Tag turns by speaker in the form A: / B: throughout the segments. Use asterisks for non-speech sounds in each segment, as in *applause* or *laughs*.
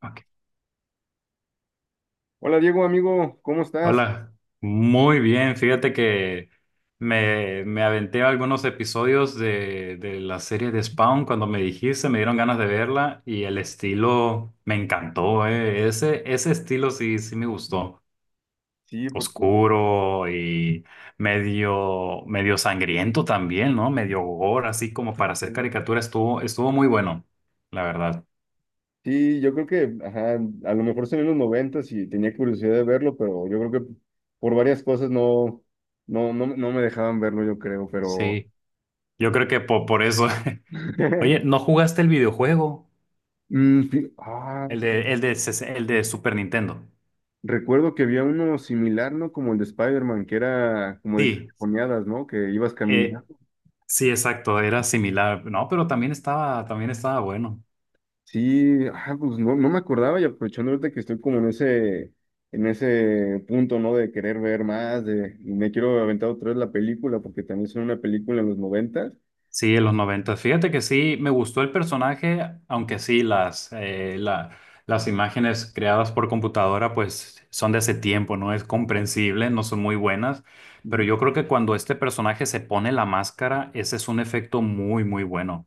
A: Ok.
B: Hola Diego, amigo, ¿cómo estás?
A: Hola, muy bien. Fíjate que me aventé algunos episodios de la serie de Spawn cuando me dijiste, me dieron ganas de verla y el estilo me encantó, Ese estilo sí, sí me gustó.
B: Sí, porque
A: Oscuro y medio, medio sangriento también, ¿no? Medio gore, así como para hacer caricatura, estuvo muy bueno, la verdad.
B: sí, yo creo que, ajá, a lo mejor salió en los noventas y tenía curiosidad de verlo, pero yo creo que por varias cosas no, no, no, me dejaban verlo, yo creo, pero
A: Sí, yo creo que por eso. *laughs* Oye,
B: *laughs*
A: ¿no jugaste el videojuego?
B: Mm, fí- ah,
A: El de Super Nintendo.
B: recuerdo que había uno similar, ¿no? Como el de Spider-Man, que era como de
A: Sí,
B: cajoneadas, ¿no? Que ibas
A: eh,
B: caminando.
A: sí, exacto, era similar. No, pero también estaba bueno.
B: Sí, pues no, no me acordaba y aprovechando ahorita que estoy como en ese punto, ¿no? De querer ver más, de y me quiero aventar otra vez la película, porque también son una película en los noventas.
A: Sí, en los noventa. Fíjate que sí, me gustó el personaje, aunque sí, las imágenes creadas por computadora, pues son de ese tiempo, ¿no? Es comprensible, no son muy buenas, pero
B: Ujú.
A: yo creo que cuando este personaje se pone la máscara, ese es un efecto muy, muy bueno.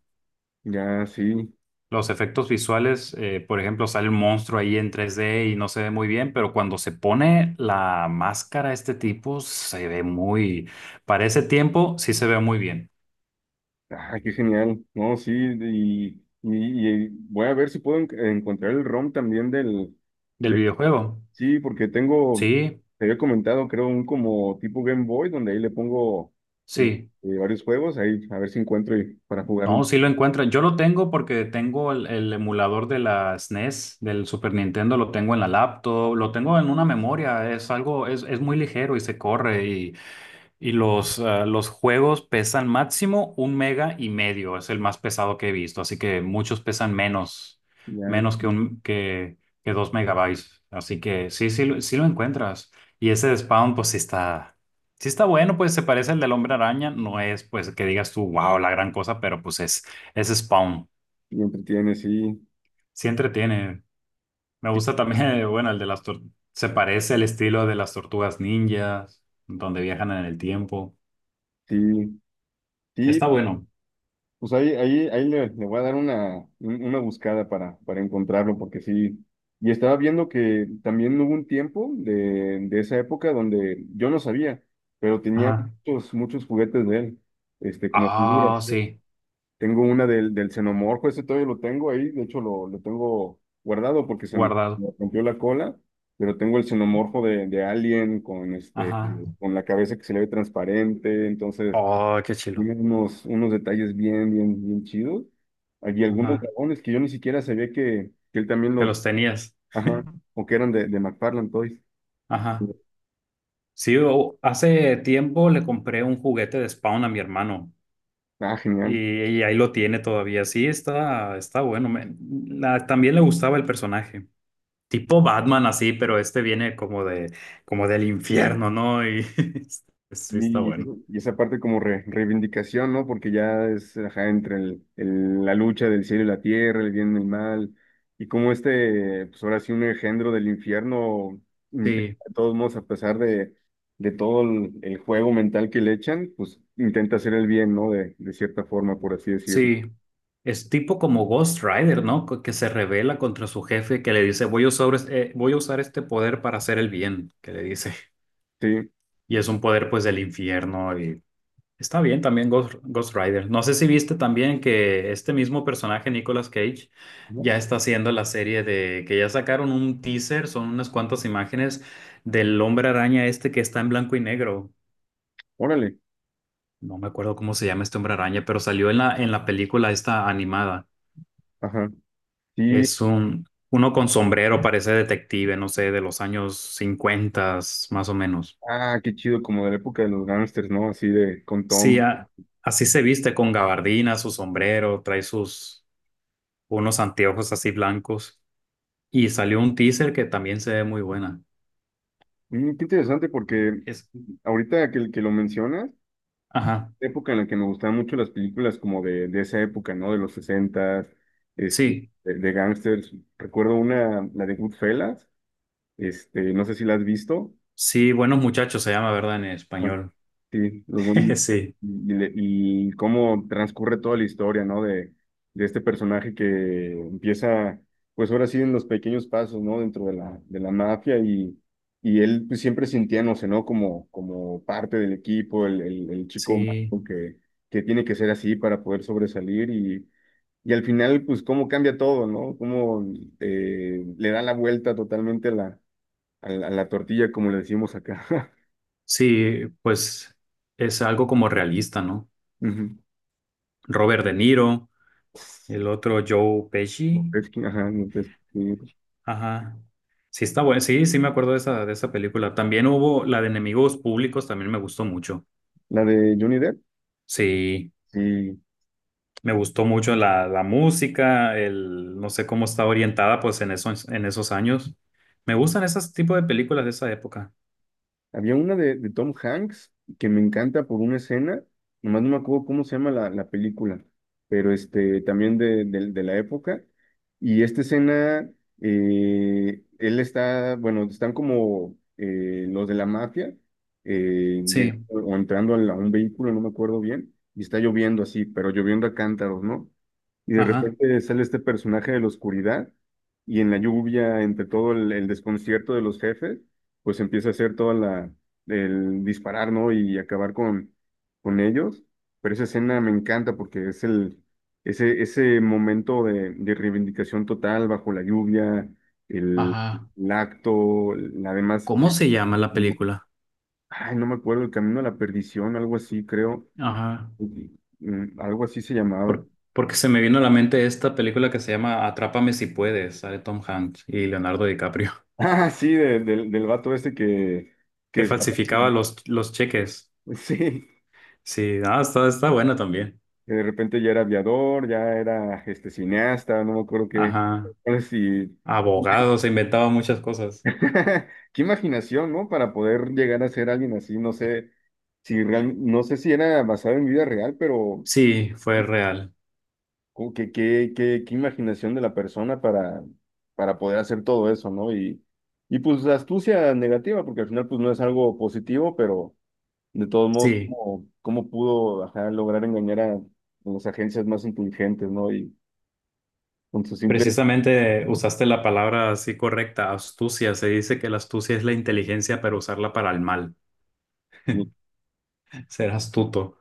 B: Ya, sí.
A: Los efectos visuales, por ejemplo, sale un monstruo ahí en 3D y no se ve muy bien, pero cuando se pone la máscara, este tipo se ve muy, para ese tiempo sí se ve muy bien.
B: Ah, qué genial. No, sí, y voy a ver si puedo encontrar el ROM también del,
A: ¿Del
B: de,
A: videojuego?
B: sí, porque tengo,
A: Sí,
B: te había comentado, creo, un como tipo Game Boy, donde ahí le pongo eh,
A: sí.
B: varios juegos, ahí a ver si encuentro y, para jugarlo.
A: No, sí lo encuentran. Yo lo tengo porque tengo el emulador de la SNES, del Super Nintendo, lo tengo en la laptop, lo tengo en una memoria. Es muy ligero y se corre. Y los, los juegos pesan máximo un mega y medio, es el más pesado que he visto, así que muchos pesan menos,
B: Ya,
A: menos que,
B: sí.
A: un, que, que dos megabytes, así que sí, sí, sí lo encuentras. Y ese de Spawn, sí está bueno, pues se parece al del Hombre Araña, no es pues que digas tú, wow, la gran cosa, pero es Spawn,
B: Y entretiene, sí,
A: sí entretiene. Me
B: sí,
A: gusta también, *laughs* bueno, el de las tor- se parece al estilo de las tortugas ninjas, donde viajan en el tiempo.
B: sí, sí,
A: Está
B: pu-
A: bueno.
B: pues ahí, ahí, ahí le, le voy a dar una, una buscada para encontrarlo, porque sí. Y estaba viendo que también hubo un tiempo de esa época donde yo no sabía, pero tenía
A: Ajá.
B: muchos, muchos juguetes de él, este, como figuras.
A: Ah, sí,
B: Tengo una del, del xenomorfo, ese todavía lo tengo ahí, de hecho lo tengo guardado porque se me
A: guardado.
B: me rompió la cola, pero tengo el xenomorfo de Alien con, este,
A: Ajá,
B: con la cabeza que se le ve transparente, entonces...
A: oh, qué chilo.
B: Tiene unos, unos detalles bien, bien, bien chidos. Hay algunos
A: Ajá,
B: dragones que yo ni siquiera sabía que él también
A: que
B: los,
A: los tenías.
B: ajá, o que eran de McFarlane Toys.
A: Ajá. Sí, hace tiempo le compré un juguete de Spawn a mi hermano
B: Ah, genial.
A: y, y ahí lo tiene todavía. Sí, está, está bueno. También le gustaba el personaje. Tipo Batman así, pero este viene como de, como del infierno, ¿no? Y *laughs* sí, está bueno.
B: Y esa parte como reivindicación, ¿no? Porque ya es, ajá, entre el, la lucha del cielo y la tierra, el bien y el mal, y como este, pues ahora sí, un engendro del infierno, intenta
A: Sí.
B: de todos modos, a pesar de todo el juego mental que le echan, pues intenta hacer el bien, ¿no? De cierta forma, por así decirlo.
A: Sí, es tipo como Ghost Rider, ¿no? Que se revela contra su jefe, que le dice, voy a usar, voy a usar este poder para hacer el bien, que le dice. *laughs*
B: Sí,
A: Y es un poder pues del infierno y está bien también Ghost Rider. No sé si viste también que este mismo personaje, Nicolas Cage,
B: ¿no?
A: ya está haciendo la serie de, que ya sacaron un teaser, son unas cuantas imágenes del hombre araña este que está en blanco y negro.
B: Órale,
A: No me acuerdo cómo se llama este hombre araña, pero salió en la película esta animada.
B: ajá, sí,
A: Es un, uno con sombrero, parece detective, no sé, de los años 50, más o menos.
B: ah, qué chido, como de la época de los gangsters, ¿no? Así de, con
A: Sí,
B: Tom.
A: así se viste con gabardina, su sombrero, trae sus unos anteojos así blancos. Y salió un teaser que también se ve muy buena.
B: Qué interesante, porque
A: Es,
B: ahorita que lo mencionas,
A: ajá,
B: época en la que me gustaban mucho las películas como de esa época, ¿no? De los sesentas, este,
A: sí,
B: de gangsters. Recuerdo una, la de Goodfellas, este, no sé si la has visto.
A: sí, buenos muchachos se llama, ¿verdad? En español.
B: Sí,
A: *laughs* Sí,
B: y, y cómo transcurre toda la historia, ¿no? De este personaje que empieza, pues ahora sí, en los pequeños pasos, ¿no? Dentro de la mafia y él pues, siempre sintiéndose, ¿no? Como, como parte del equipo, el chico
A: sí,
B: malo que tiene que ser así para poder sobresalir y al final, pues cómo cambia todo, ¿no? Cómo le da la vuelta totalmente a la, a la, a la tortilla, como le decimos acá.
A: sí, pues es algo como realista, ¿no?
B: *laughs* Ujú.
A: Robert De Niro, el otro Joe Pesci.
B: Montesquieu, ajá, Montesquieu.
A: Ajá. Sí, está bueno. Sí, sí me acuerdo de esa película. También hubo la de Enemigos Públicos, también me gustó mucho.
B: La de Johnny Depp,
A: Sí,
B: sí.
A: me gustó mucho la música, no sé cómo está orientada pues en en esos años. Me gustan esos tipos de películas de esa época.
B: Había una de Tom Hanks que me encanta por una escena, nomás no me acuerdo cómo se llama la, la película, pero este, también de, de la época. Y esta escena, él está, bueno, están como los de la mafia, llegando
A: Sí,
B: o entrando a, a un vehículo, no me acuerdo bien, y está lloviendo así, pero lloviendo a cántaros, ¿no? Y de
A: ajá,
B: repente sale este personaje de la oscuridad y en la lluvia, entre todo el desconcierto de los jefes pues empieza a hacer toda la, el disparar, ¿no? Y acabar con ellos. Pero esa escena me encanta porque es el, ese momento de reivindicación total bajo la lluvia, el,
A: ajá.
B: el acto, la demás,
A: ¿Cómo se llama la
B: no,
A: película?
B: ay, no me acuerdo, el camino a la perdición, algo así, creo.
A: Ajá.
B: Algo así se llamaba.
A: Por-
B: *laughs*
A: porque se me vino a la mente esta película que se llama Atrápame si puedes, sale Tom Hanks y Leonardo DiCaprio,
B: Ah, sí, del vato este que,
A: *laughs* que
B: que se-
A: falsificaba los cheques.
B: *laughs* sí,
A: Sí, no, está, está bueno también.
B: que de repente ya era aviador, ya era este cineasta, no me acuerdo qué.
A: Ajá.
B: No sé si-
A: Abogado, se inventaba muchas cosas.
B: *laughs* Qué imaginación, ¿no? Para poder llegar a ser alguien así, no sé no sé si era basado en vida real, pero
A: Sí, fue real.
B: como que qué, qué, qué imaginación de la persona para poder hacer todo eso, ¿no? Y pues astucia negativa, porque al final pues no es algo positivo, pero de todos modos,
A: Sí,
B: ¿cómo, cómo pudo ajá, lograr engañar a las agencias más inteligentes, ¿no? Y con su simple
A: precisamente usaste la palabra así correcta, astucia. Se dice que la astucia es la inteligencia, pero usarla para el mal,
B: Y-
A: ser astuto.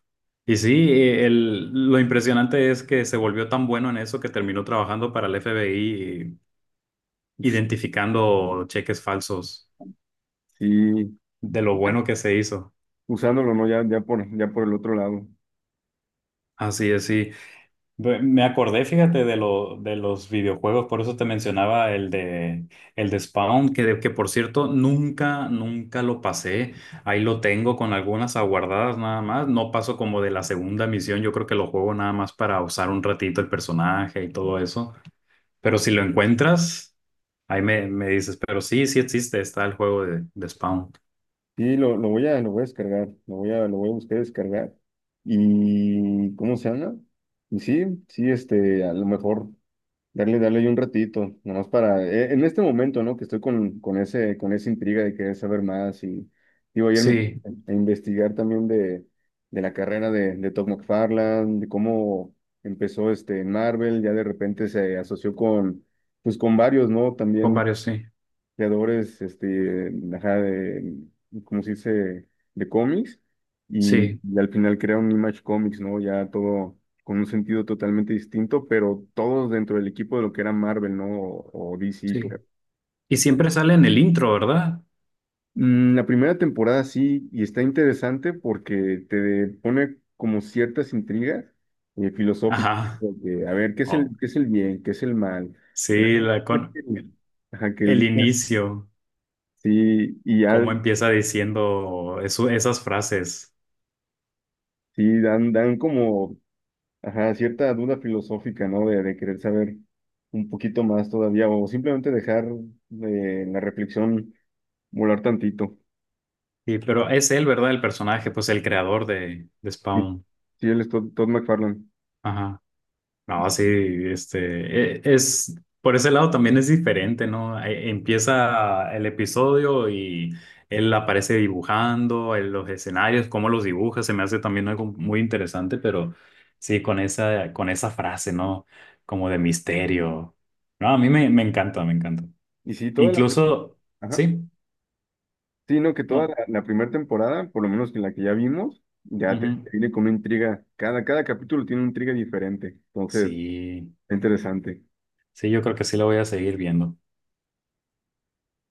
A: Y sí, lo impresionante es que se volvió tan bueno en eso que terminó trabajando para el FBI, identificando cheques falsos,
B: sí,
A: de lo bueno que se hizo.
B: usándolo, ¿no? Ya, ya por, ya por el otro lado.
A: Así es, sí. Me acordé, fíjate, de los videojuegos, por eso te mencionaba el de Spawn, que por cierto nunca, nunca lo pasé. Ahí lo tengo con algunas aguardadas nada más. No paso como de la segunda misión, yo creo que lo juego nada más para usar un ratito el personaje y todo eso. Pero si lo encuentras, ahí me dices, pero sí, sí existe, está el juego de Spawn.
B: Sí, lo voy a descargar, lo voy a buscar descargar. ¿Y cómo se llama? Y sí, sí, este, a lo mejor. Darle, darle ahí un ratito, nomás para, en este momento, ¿no? Que estoy con ese, con esa intriga de querer saber más y digo, ayer me puse
A: Sí,
B: a investigar también de la carrera de Todd McFarlane, de cómo empezó este en Marvel, ya de repente se asoció con, pues con varios, ¿no?
A: con
B: También
A: varios, sí.
B: creadores, este, ajá, de, como se dice, de cómics,
A: Sí,
B: y al final crea un Image Comics, ¿no? Ya todo con un sentido totalmente distinto, pero todos dentro del equipo de lo que era Marvel, ¿no? O DC,
A: sí.
B: creo.
A: Y siempre sale en el intro, ¿verdad?
B: La primera temporada sí, y está interesante porque te pone como ciertas intrigas filosóficas,
A: Ajá.
B: de, a ver,
A: Oh.
B: qué es el bien, qué es el mal?
A: Sí, la con
B: Realmente, ajá, que el
A: el
B: bien es-
A: inicio,
B: sí, y ya
A: cómo empieza diciendo esas frases.
B: sí, dan, dan como, ajá, cierta duda filosófica, ¿no? De querer saber un poquito más todavía, o simplemente dejar la reflexión volar tantito.
A: Sí, pero es él, ¿verdad? El personaje, pues el creador de
B: Sí,
A: Spawn.
B: sí, él es Todd, Todd McFarlane.
A: Ajá. No, sí, es, por ese lado también es diferente, ¿no? Empieza el episodio y él aparece dibujando en los escenarios, cómo los dibuja, se me hace también algo muy interesante, pero sí, con esa frase, ¿no? Como de misterio. No, a mí me, me encanta, me encanta.
B: Y sí,
A: Incluso,
B: ajá,
A: sí,
B: sí, no, que toda la,
A: no.
B: la primera temporada, por lo menos que la que ya vimos, ya te,
A: Ujú.
B: te viene con una intriga. Cada, cada capítulo tiene una intriga diferente. Entonces,
A: Sí,
B: es interesante.
A: sí, yo creo que sí lo voy a seguir viendo.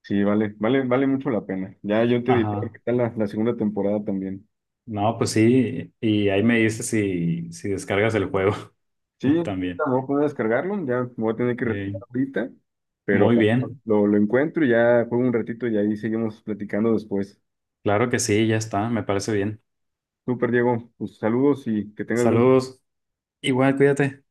B: Sí, vale, vale, vale mucho la pena. Ya yo te diré
A: Ajá.
B: qué tal la, la segunda temporada también.
A: No, pues sí, y ahí me dices si, si descargas el juego
B: Sí,
A: *laughs*
B: me
A: también.
B: voy a poner a descargarlo, ya me voy a tener que
A: Eh,
B: retirar ahorita, pero
A: muy bien,
B: lo encuentro y ya juego un ratito y ahí seguimos platicando después.
A: claro que sí, ya está, me parece bien.
B: Súper, Diego, pues saludos y que tengas buen
A: Saludos, igual, cuídate.